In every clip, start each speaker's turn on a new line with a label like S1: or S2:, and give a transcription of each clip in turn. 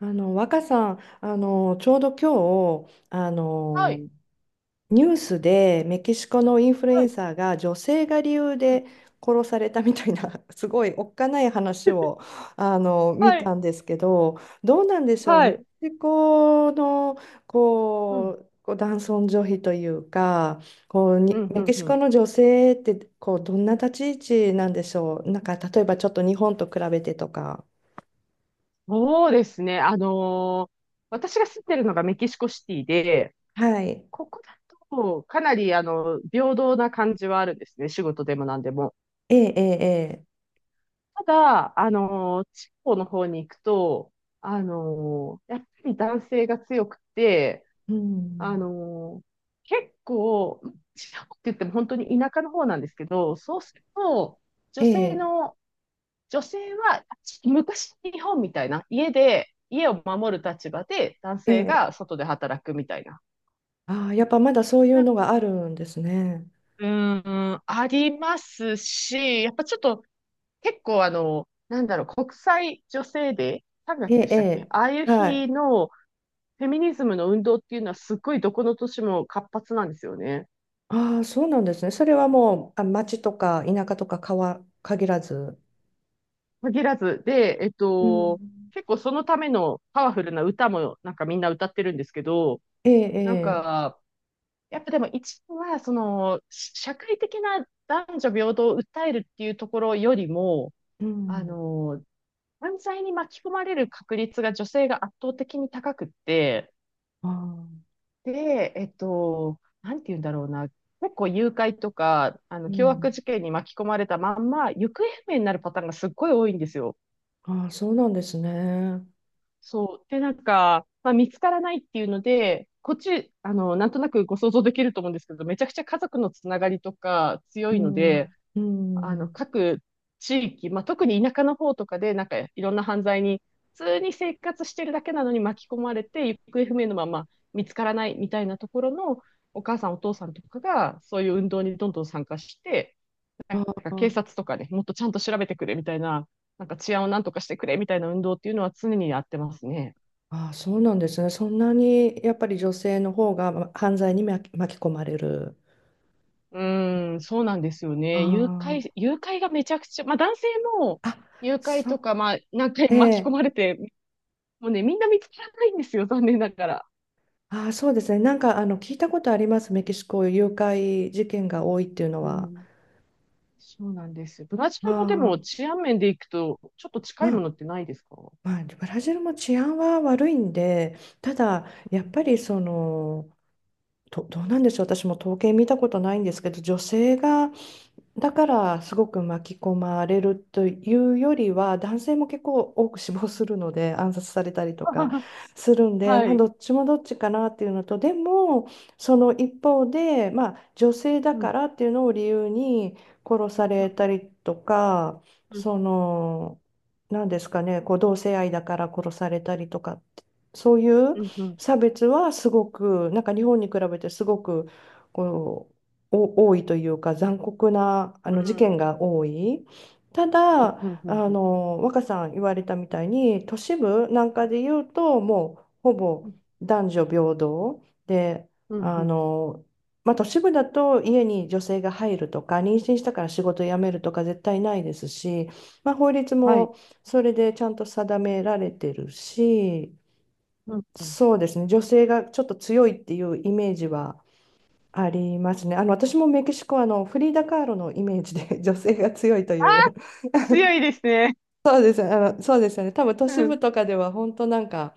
S1: 若さん、ちょうど今日
S2: はい。
S1: ニュースでメキシコのインフルエ
S2: は
S1: ン
S2: い。
S1: サーが女性が理由
S2: うん。
S1: で殺されたみたいな すごいおっかない話を見
S2: は
S1: た
S2: い。
S1: んですけど、どうなんでしょう。
S2: は
S1: メキ
S2: い。
S1: シコの
S2: うん。
S1: 男尊女卑というか、こう
S2: う
S1: に
S2: ん、う
S1: メ
S2: ん、
S1: キシ
S2: う
S1: コ
S2: ん。
S1: の女性ってどんな立ち位置なんでしょう。なんか例えばちょっと日本と比べてとか。
S2: そうですね。私が住んでるのがメキシコシティで、
S1: はい、
S2: ここだとかなり、平等な感じはあるんですね。仕事でも何でも。
S1: ええ、ええ、ええ、
S2: ただ、地方の方に行くと、やっぱり男性が強くて、
S1: う
S2: あ
S1: ん、
S2: のー結構、地方って言っても本当に田舎の方なんですけど、そうすると、
S1: え
S2: 女性
S1: え、
S2: の女性は昔日本みたいな家で家を守る立場で男
S1: え
S2: 性
S1: え、
S2: が外で働くみたいな。
S1: ああ、やっぱまだそういう
S2: なんか
S1: のがあるんですね。
S2: うーん、ありますし、やっぱちょっと結構あの、なんだろう、国際女性デー、3
S1: え
S2: 月で
S1: え、
S2: し
S1: え
S2: たっけ、ああいう
S1: え、はい。
S2: 日のフェミニズムの運動っていうのはすっごいどこの年も活発なんですよね。
S1: ああ、そうなんですね。それはもう、あ、町とか田舎とか川限らず。
S2: 限らず。で、
S1: うん、
S2: 結構そのためのパワフルな歌もなんかみんな歌ってるんですけど、
S1: ええ、
S2: なん
S1: え
S2: か、やっぱでも一部は、その、社会的な男女平等を訴えるっていうところよりも、
S1: え、う
S2: あ
S1: ん、
S2: の、犯罪に巻き込まれる確率が女性が圧倒的に高くって、
S1: ああ、
S2: で、なんて言うんだろうな、結構誘拐とか、あの、
S1: う
S2: 凶悪
S1: ん、
S2: 事件に巻き込まれたまんま、行方不明になるパターンがすっごい多いんですよ。
S1: ああ、そうなんですね。
S2: そう。で、なんか、まあ、見つからないっていうので、こっち、あの、なんとなくご想像できると思うんですけど、めちゃくちゃ家族のつながりとか
S1: う
S2: 強いので、
S1: ん、う
S2: あの、
S1: ん、
S2: 各地域、まあ、特に田舎の方とかで、なんかいろんな犯罪に、普通に生活してるだけなのに巻き込まれて、行方不明のまま見つからないみたいなところの、お母さん、お父さんとかが、そういう運動にどんどん参加して、なん
S1: あ
S2: か
S1: あ、
S2: 警察とかね、もっとちゃんと調べてくれみたいな、なんか治安をなんとかしてくれみたいな運動っていうのは常にやってますね。
S1: ああ、そうなんですね。そんなにやっぱり女性の方がま犯罪に巻き込まれる。
S2: うーん、そうなんですよね。
S1: あ
S2: 誘拐がめちゃくちゃ、まあ男性も
S1: あ、あ、
S2: 誘拐
S1: そ
S2: と
S1: う、
S2: か、まあ何回
S1: え
S2: 巻き込
S1: え。
S2: まれてもうね、みんな見つからないんですよ、残念ながら。
S1: ああ、そうですね。なんか、聞いたことあります。メキシコ、誘拐事件が多いっていうの
S2: う
S1: は。
S2: ん。そうなんです。ブラジ
S1: あ
S2: ルもで
S1: あ、
S2: も治安面でいくと、ちょっと近
S1: ま
S2: いも
S1: あ、
S2: のってないですか、う
S1: まあ、ブラジルも治安は悪いんで、ただ、やっぱ
S2: ん。
S1: り、その、どうなんでしょう。私も統計見たことないんですけど、女性がだからすごく巻き込まれるというよりは男性も結構多く死亡するので 暗殺されたりとか するんで、
S2: は
S1: まあ、
S2: い。
S1: どっちもどっちかなっていうのと、でもその一方で、まあ、女性だ
S2: う
S1: か
S2: ん。
S1: らっていうのを理由に殺さ
S2: う
S1: れ
S2: ん。
S1: たりとか、
S2: うん。
S1: その、なんですかね、同性愛だから殺されたりとかって、そういう
S2: うん。うん。
S1: 差別はすごく、なんか日本に比べてすごくこう。お多いというか残酷な
S2: う
S1: 事件
S2: ん。
S1: が多い。た
S2: うん。
S1: だ
S2: うん。うん。
S1: 若さん言われたみたいに都市部なん
S2: は
S1: か
S2: い。
S1: で言うと、もうほ
S2: う
S1: ぼ
S2: ん。
S1: 男女平等で、
S2: うん。
S1: あ
S2: うん。
S1: の、まあ、都市部だと家に女性が入るとか妊娠したから仕事辞めるとか絶対ないですし、まあ、法律
S2: はい。
S1: もそれでちゃんと定められてるし、
S2: うん。うん。
S1: そうですね、女性がちょっと強いっていうイメージはありますね。私もメキシコはフリーダ・カーロのイメージで 女性が強いという、
S2: 強いですね。
S1: そうです、そうですよね。多分都
S2: う
S1: 市部
S2: ん。
S1: とかでは本当なんか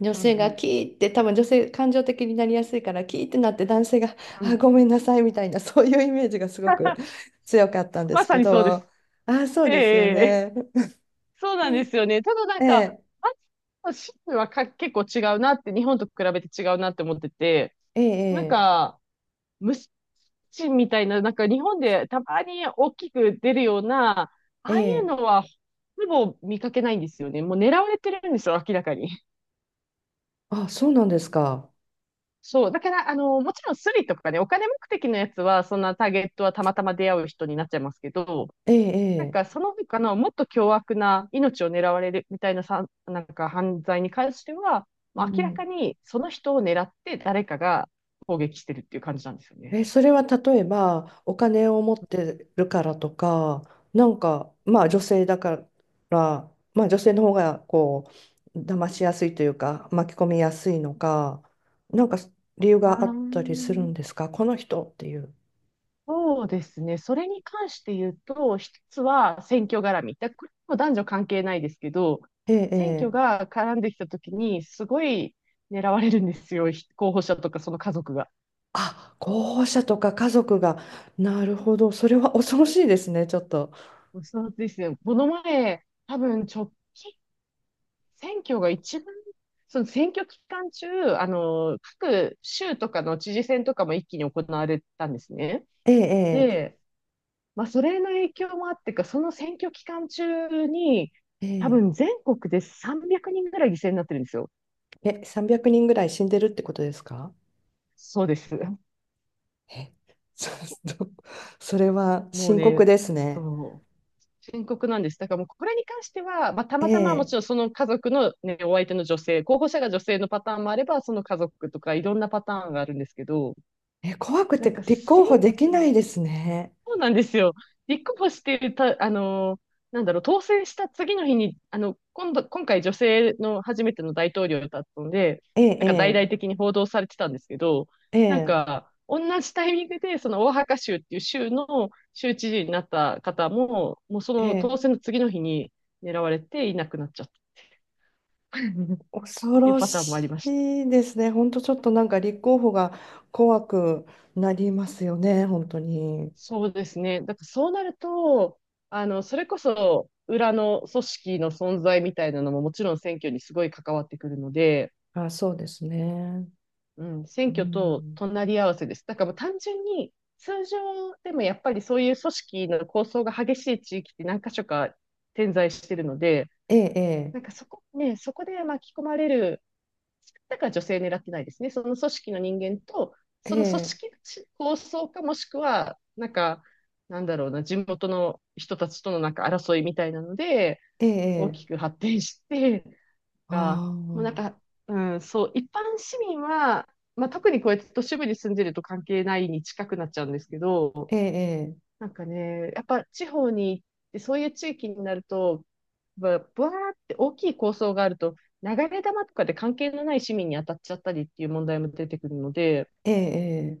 S1: 女
S2: う
S1: 性
S2: ん。う
S1: が
S2: ん。
S1: キーって、多分女性感情的になりやすいからキーってなって、男性が、
S2: う
S1: あ、
S2: ん。
S1: ごめんなさいみたいな、そういうイメージがすごく 強かったんで
S2: ま
S1: す
S2: さ
S1: け
S2: にそうで
S1: ど。
S2: す。
S1: あ、そう
S2: ええ、
S1: ですよ
S2: ええ、
S1: ね。
S2: そうなんですよね。ただなんか、
S1: ええ、
S2: あの州はか結構違うなって、日本と比べて違うなって思ってて、なん
S1: ええ、
S2: か、虫みたいな、なんか日本でたまに大きく出るような、あ
S1: え
S2: あいう
S1: え、え
S2: の
S1: え、
S2: は、ほぼ見かけないんですよね。もう狙われてるんですよ、明らかに。
S1: あ、そうなんですか。
S2: そう。だから、あの、もちろんスリとかね、お金目的のやつは、そんなターゲットはたまたま出会う人になっちゃいますけど、
S1: え
S2: なん
S1: え、え
S2: かそ
S1: え、
S2: の他のもっと凶悪な命を狙われるみたいなさ、なんか犯罪に関しては、
S1: う
S2: まあ、明ら
S1: ん、
S2: かにその人を狙って誰かが攻撃してるっていう感じなんですよね。
S1: え、それは例えばお金を持ってるからとか、なんか、ま
S2: う
S1: あ
S2: ん、
S1: 女性だから、まあ女性の方が騙しやすいというか、巻き込みやすいのか、なんか理由
S2: あ
S1: があったりする
S2: ー、
S1: んですか、この人っていう。
S2: そうですね。それに関して言うと、一つは選挙絡み。だこれも男女関係ないですけど、
S1: ええ、
S2: 選挙
S1: ええ、
S2: が絡んできたときに、すごい狙われるんですよ。ひ候補者とかその家族が。
S1: あ、候補者とか家族が、なるほど、それは恐ろしいですね、ちょっと。
S2: そうですね。この前、多分直近、選挙が一番、その選挙期間中、あの、各州とかの知事選とかも一気に行われたんですね。
S1: ええ、
S2: で、まあ、それの影響もあってか、その選挙期間中に、
S1: え
S2: 多
S1: え、え
S2: 分全国で300人ぐらい犠牲になってるんですよ。
S1: え、え、300人ぐらい死んでるってことですか？
S2: そうです。
S1: え、ちょっと それは
S2: もう
S1: 深刻
S2: ね、
S1: ですね。
S2: そう、深刻なんです。だからもうこれに関しては、まあ、た
S1: え
S2: またまも
S1: え、
S2: ちろんその家族の、ね、お相手の女性、候補者が女性のパターンもあれば、その家族とかいろんなパターンがあるんですけど、
S1: え、怖く
S2: な
S1: て
S2: んか
S1: 立候
S2: 選
S1: 補でき
S2: 挙、
S1: ないですね。
S2: そうなんですよ。立候補してた、なんだろう、当選した次の日に、あの、今度、今回女性の初めての大統領だったので、
S1: え
S2: なんか大
S1: え、
S2: 々的に報道されてたんですけど、
S1: ええ、
S2: なん
S1: え
S2: か、同じタイミングで、そのオアハカ州っていう州の州知事になった方も、もうその
S1: え、
S2: 当
S1: ええ、
S2: 選の次の日に狙われていなくなっちゃった っ
S1: 恐
S2: ていう
S1: ろ
S2: パターンもあ
S1: し
S2: りました。
S1: いですね。本当ちょっとなんか立候補が怖くなりますよね、本当に。
S2: そうですね。だからそうなると、あの、それこそ裏の組織の存在みたいなのももちろん選挙にすごい関わってくるので、
S1: あ、そうですね。
S2: うん、選
S1: う
S2: 挙と
S1: ん、
S2: 隣り合わせです。だからもう単純に通常でもやっぱりそういう組織の構想が激しい地域って何か所か点在してるので、
S1: ええ、
S2: なんかそこね、そこで巻き込まれるだから女性狙ってないですね。その組織の人間と、
S1: え
S2: そ
S1: え、え
S2: の組
S1: え、
S2: 織構想かもしくは、なんか、なんだろうな、地元の人たちとのなんか争いみたいなので、
S1: え
S2: 大
S1: え、
S2: きく発展して、が、
S1: あ
S2: もうなん
S1: あ、
S2: か、うん、そう、一般市民は、まあ、特にこうやって都市部に住んでると関係ないに近くなっちゃうんですけど、
S1: ええ、
S2: なんかね、やっぱ地方に行って、そういう地域になると、ぶぶわーって大きい構想があると、流れ弾とかで関係のない市民に当たっちゃったりっていう問題も出てくるので、
S1: ええ、ええ、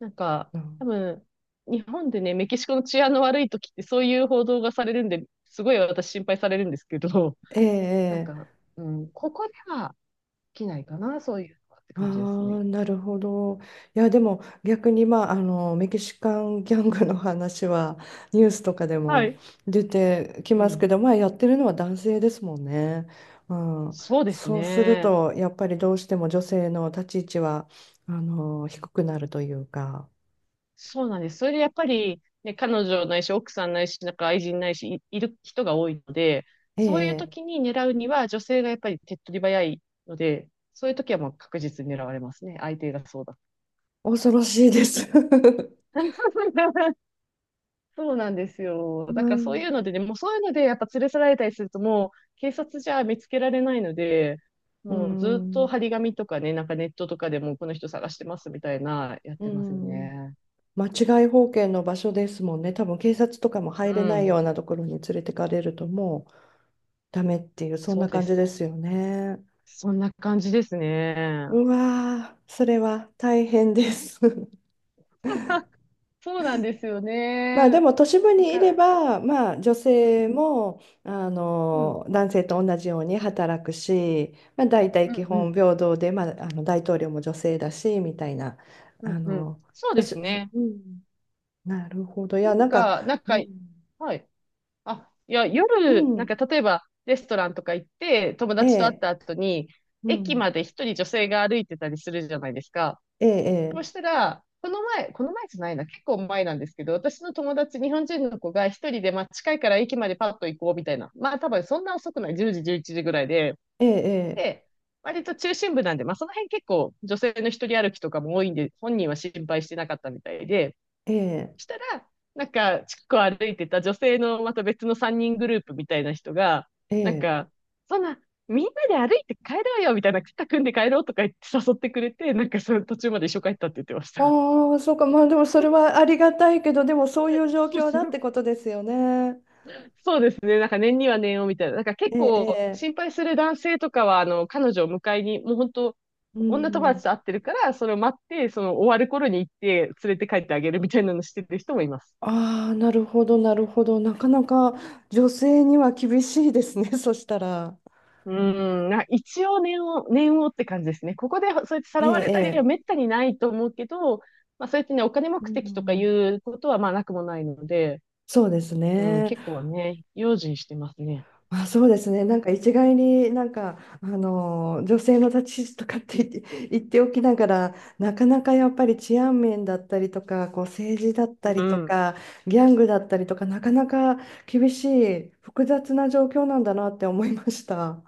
S2: なんか、多分、日本でね、メキシコの治安の悪い時ってそういう報道がされるんで、すごい私心配されるんですけど、
S1: ええ、
S2: なん
S1: え
S2: か、
S1: え、
S2: うん、ここでは起きないかな、そういうのはって
S1: あ
S2: 感じです
S1: あ、
S2: ね。
S1: なるほど。いや、でも逆に、まあ、メキシカンギャングの話はニュースとかで
S2: は
S1: も
S2: い。
S1: 出てき
S2: う
S1: ます
S2: ん。
S1: けど、まあ、やってるのは男性ですもんね。うん、
S2: そうです
S1: そうする
S2: ね。
S1: と、やっぱりどうしても女性の立ち位置は、低くなるというか、
S2: そうなんです。それでやっぱり、ね、彼女ないし、奥さんないし、なんか愛人ないし、いる人が多いので、
S1: え
S2: そういう
S1: え、
S2: 時に狙うには、女性がやっぱり手っ取り早いので、そういう時はもう確実に狙われますね。相手がそうだ。
S1: 恐ろしいです。
S2: そうなんです よ。
S1: ま
S2: だか
S1: あ、
S2: らそういうの でね、もうそういうのでやっぱ連れ去られたりすると、もう警察じゃ見つけられないので、
S1: う
S2: もうずっと
S1: ん、
S2: 張り紙とかね、なんかネットとかでもうこの人探してますみたいな、やっ
S1: う
S2: てますよね。
S1: ん。間違い保険の場所ですもんね。多分警察とかも入
S2: う
S1: れない
S2: ん、
S1: ようなところに連れてかれるとも、ダメっていう、そん
S2: そう
S1: な
S2: で
S1: 感じで
S2: す。
S1: すよね。
S2: そんな感じですね。
S1: うわー、それは大変です。
S2: そうなんですよ
S1: まあで
S2: ね。
S1: も都市部
S2: だ
S1: にい
S2: か
S1: れ
S2: ら、
S1: ば、まあ女
S2: う
S1: 性
S2: ん、
S1: も、
S2: うん、
S1: 男性と同じように働くし、まあ大体
S2: う
S1: 基
S2: ん、う
S1: 本
S2: ん、
S1: 平等で、まあ、大統領も女性だし、みたいな、
S2: う
S1: あ
S2: ん、うん。
S1: の、
S2: そう
S1: 都
S2: で
S1: 市、
S2: すね。
S1: うん、なるほど。い
S2: な
S1: や、
S2: ん
S1: なんか、
S2: か、なん
S1: う
S2: か、
S1: ん、
S2: はい。あ、いや、
S1: う
S2: 夜、なんか
S1: ん、
S2: 例えばレストランとか行って、友
S1: え
S2: 達と会っ
S1: え、
S2: た後に、
S1: う
S2: 駅
S1: ん、
S2: まで一人女性が歩いてたりするじゃないですか。
S1: え
S2: そ
S1: え、
S2: うしたら、この前じゃないな、結構前なんですけど、私の友達、日本人の子が一人で、まあ近いから駅までパッと行こうみたいな。まあ多分そんな遅くない、10時、11時ぐらいで、
S1: ええ、
S2: で、割と中心部なんで、まあ、その辺結構女性の一人歩きとかも多いんで、本人は心配してなかったみたいで、
S1: ええ、
S2: したら、なんか、近くを歩いてた女性のまた別の3人グループみたいな人が、
S1: ええ、え
S2: なん
S1: え。
S2: か、そんな、みんなで歩いて帰ろうよみたいな、肩組んで帰ろうとか言って誘ってくれて、なんかその途中まで一緒帰ったって言ってました。
S1: ああ、そうか、まあでもそれはありがたいけど、でもそういう状況だって ことですよね。
S2: そうですね。なんか年には年をみたいな。なんか結
S1: ええ、
S2: 構
S1: ええ、
S2: 心配する男性とかは、あの、彼女を迎えに、もう本当、
S1: う
S2: 女友
S1: ん。
S2: 達と会ってるから、それを待って、その終わる頃に行って連れて帰ってあげるみたいなのしてる人もいます。
S1: ああ、なるほど、なるほど。なかなか女性には厳しいですね、そしたら。
S2: うーん、な一応念をって感じですね。ここでそうやってさ
S1: え
S2: ら
S1: え、
S2: われたりは
S1: ええ。
S2: めったにないと思うけど、まあそうやってね、お金
S1: う
S2: 目的とかい
S1: ん、
S2: うことはまあなくもないので、
S1: そうです
S2: うん、
S1: ね。
S2: 結構ね、用心してますね。
S1: あ、そうですね。なんか一概になんか、女性の立ち位置とかって言って、言っておきながら、なかなかやっぱり治安面だったりとか、政治だった
S2: う
S1: りと
S2: ん。
S1: か、ギャングだったりとか、なかなか厳しい、複雑な状況なんだなって思いました。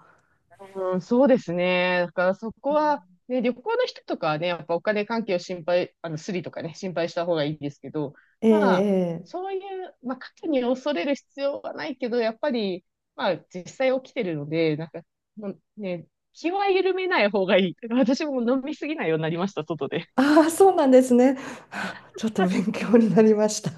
S2: うん、そうですね。だからそこ
S1: う
S2: は、
S1: ん、
S2: ね、旅行の人とかはね、やっぱお金関係を心配、あの、スリとかね、心配した方がいいですけど、
S1: ええ、
S2: まあ、
S1: ええ。
S2: そういう、まあ、過去に恐れる必要はないけど、やっぱり、まあ、実際起きてるので、なんか、もうね、気は緩めない方がいい。私も飲みすぎないようになりました、外で。
S1: ああ、そうなんですね。はあ、ちょっと勉強になりました。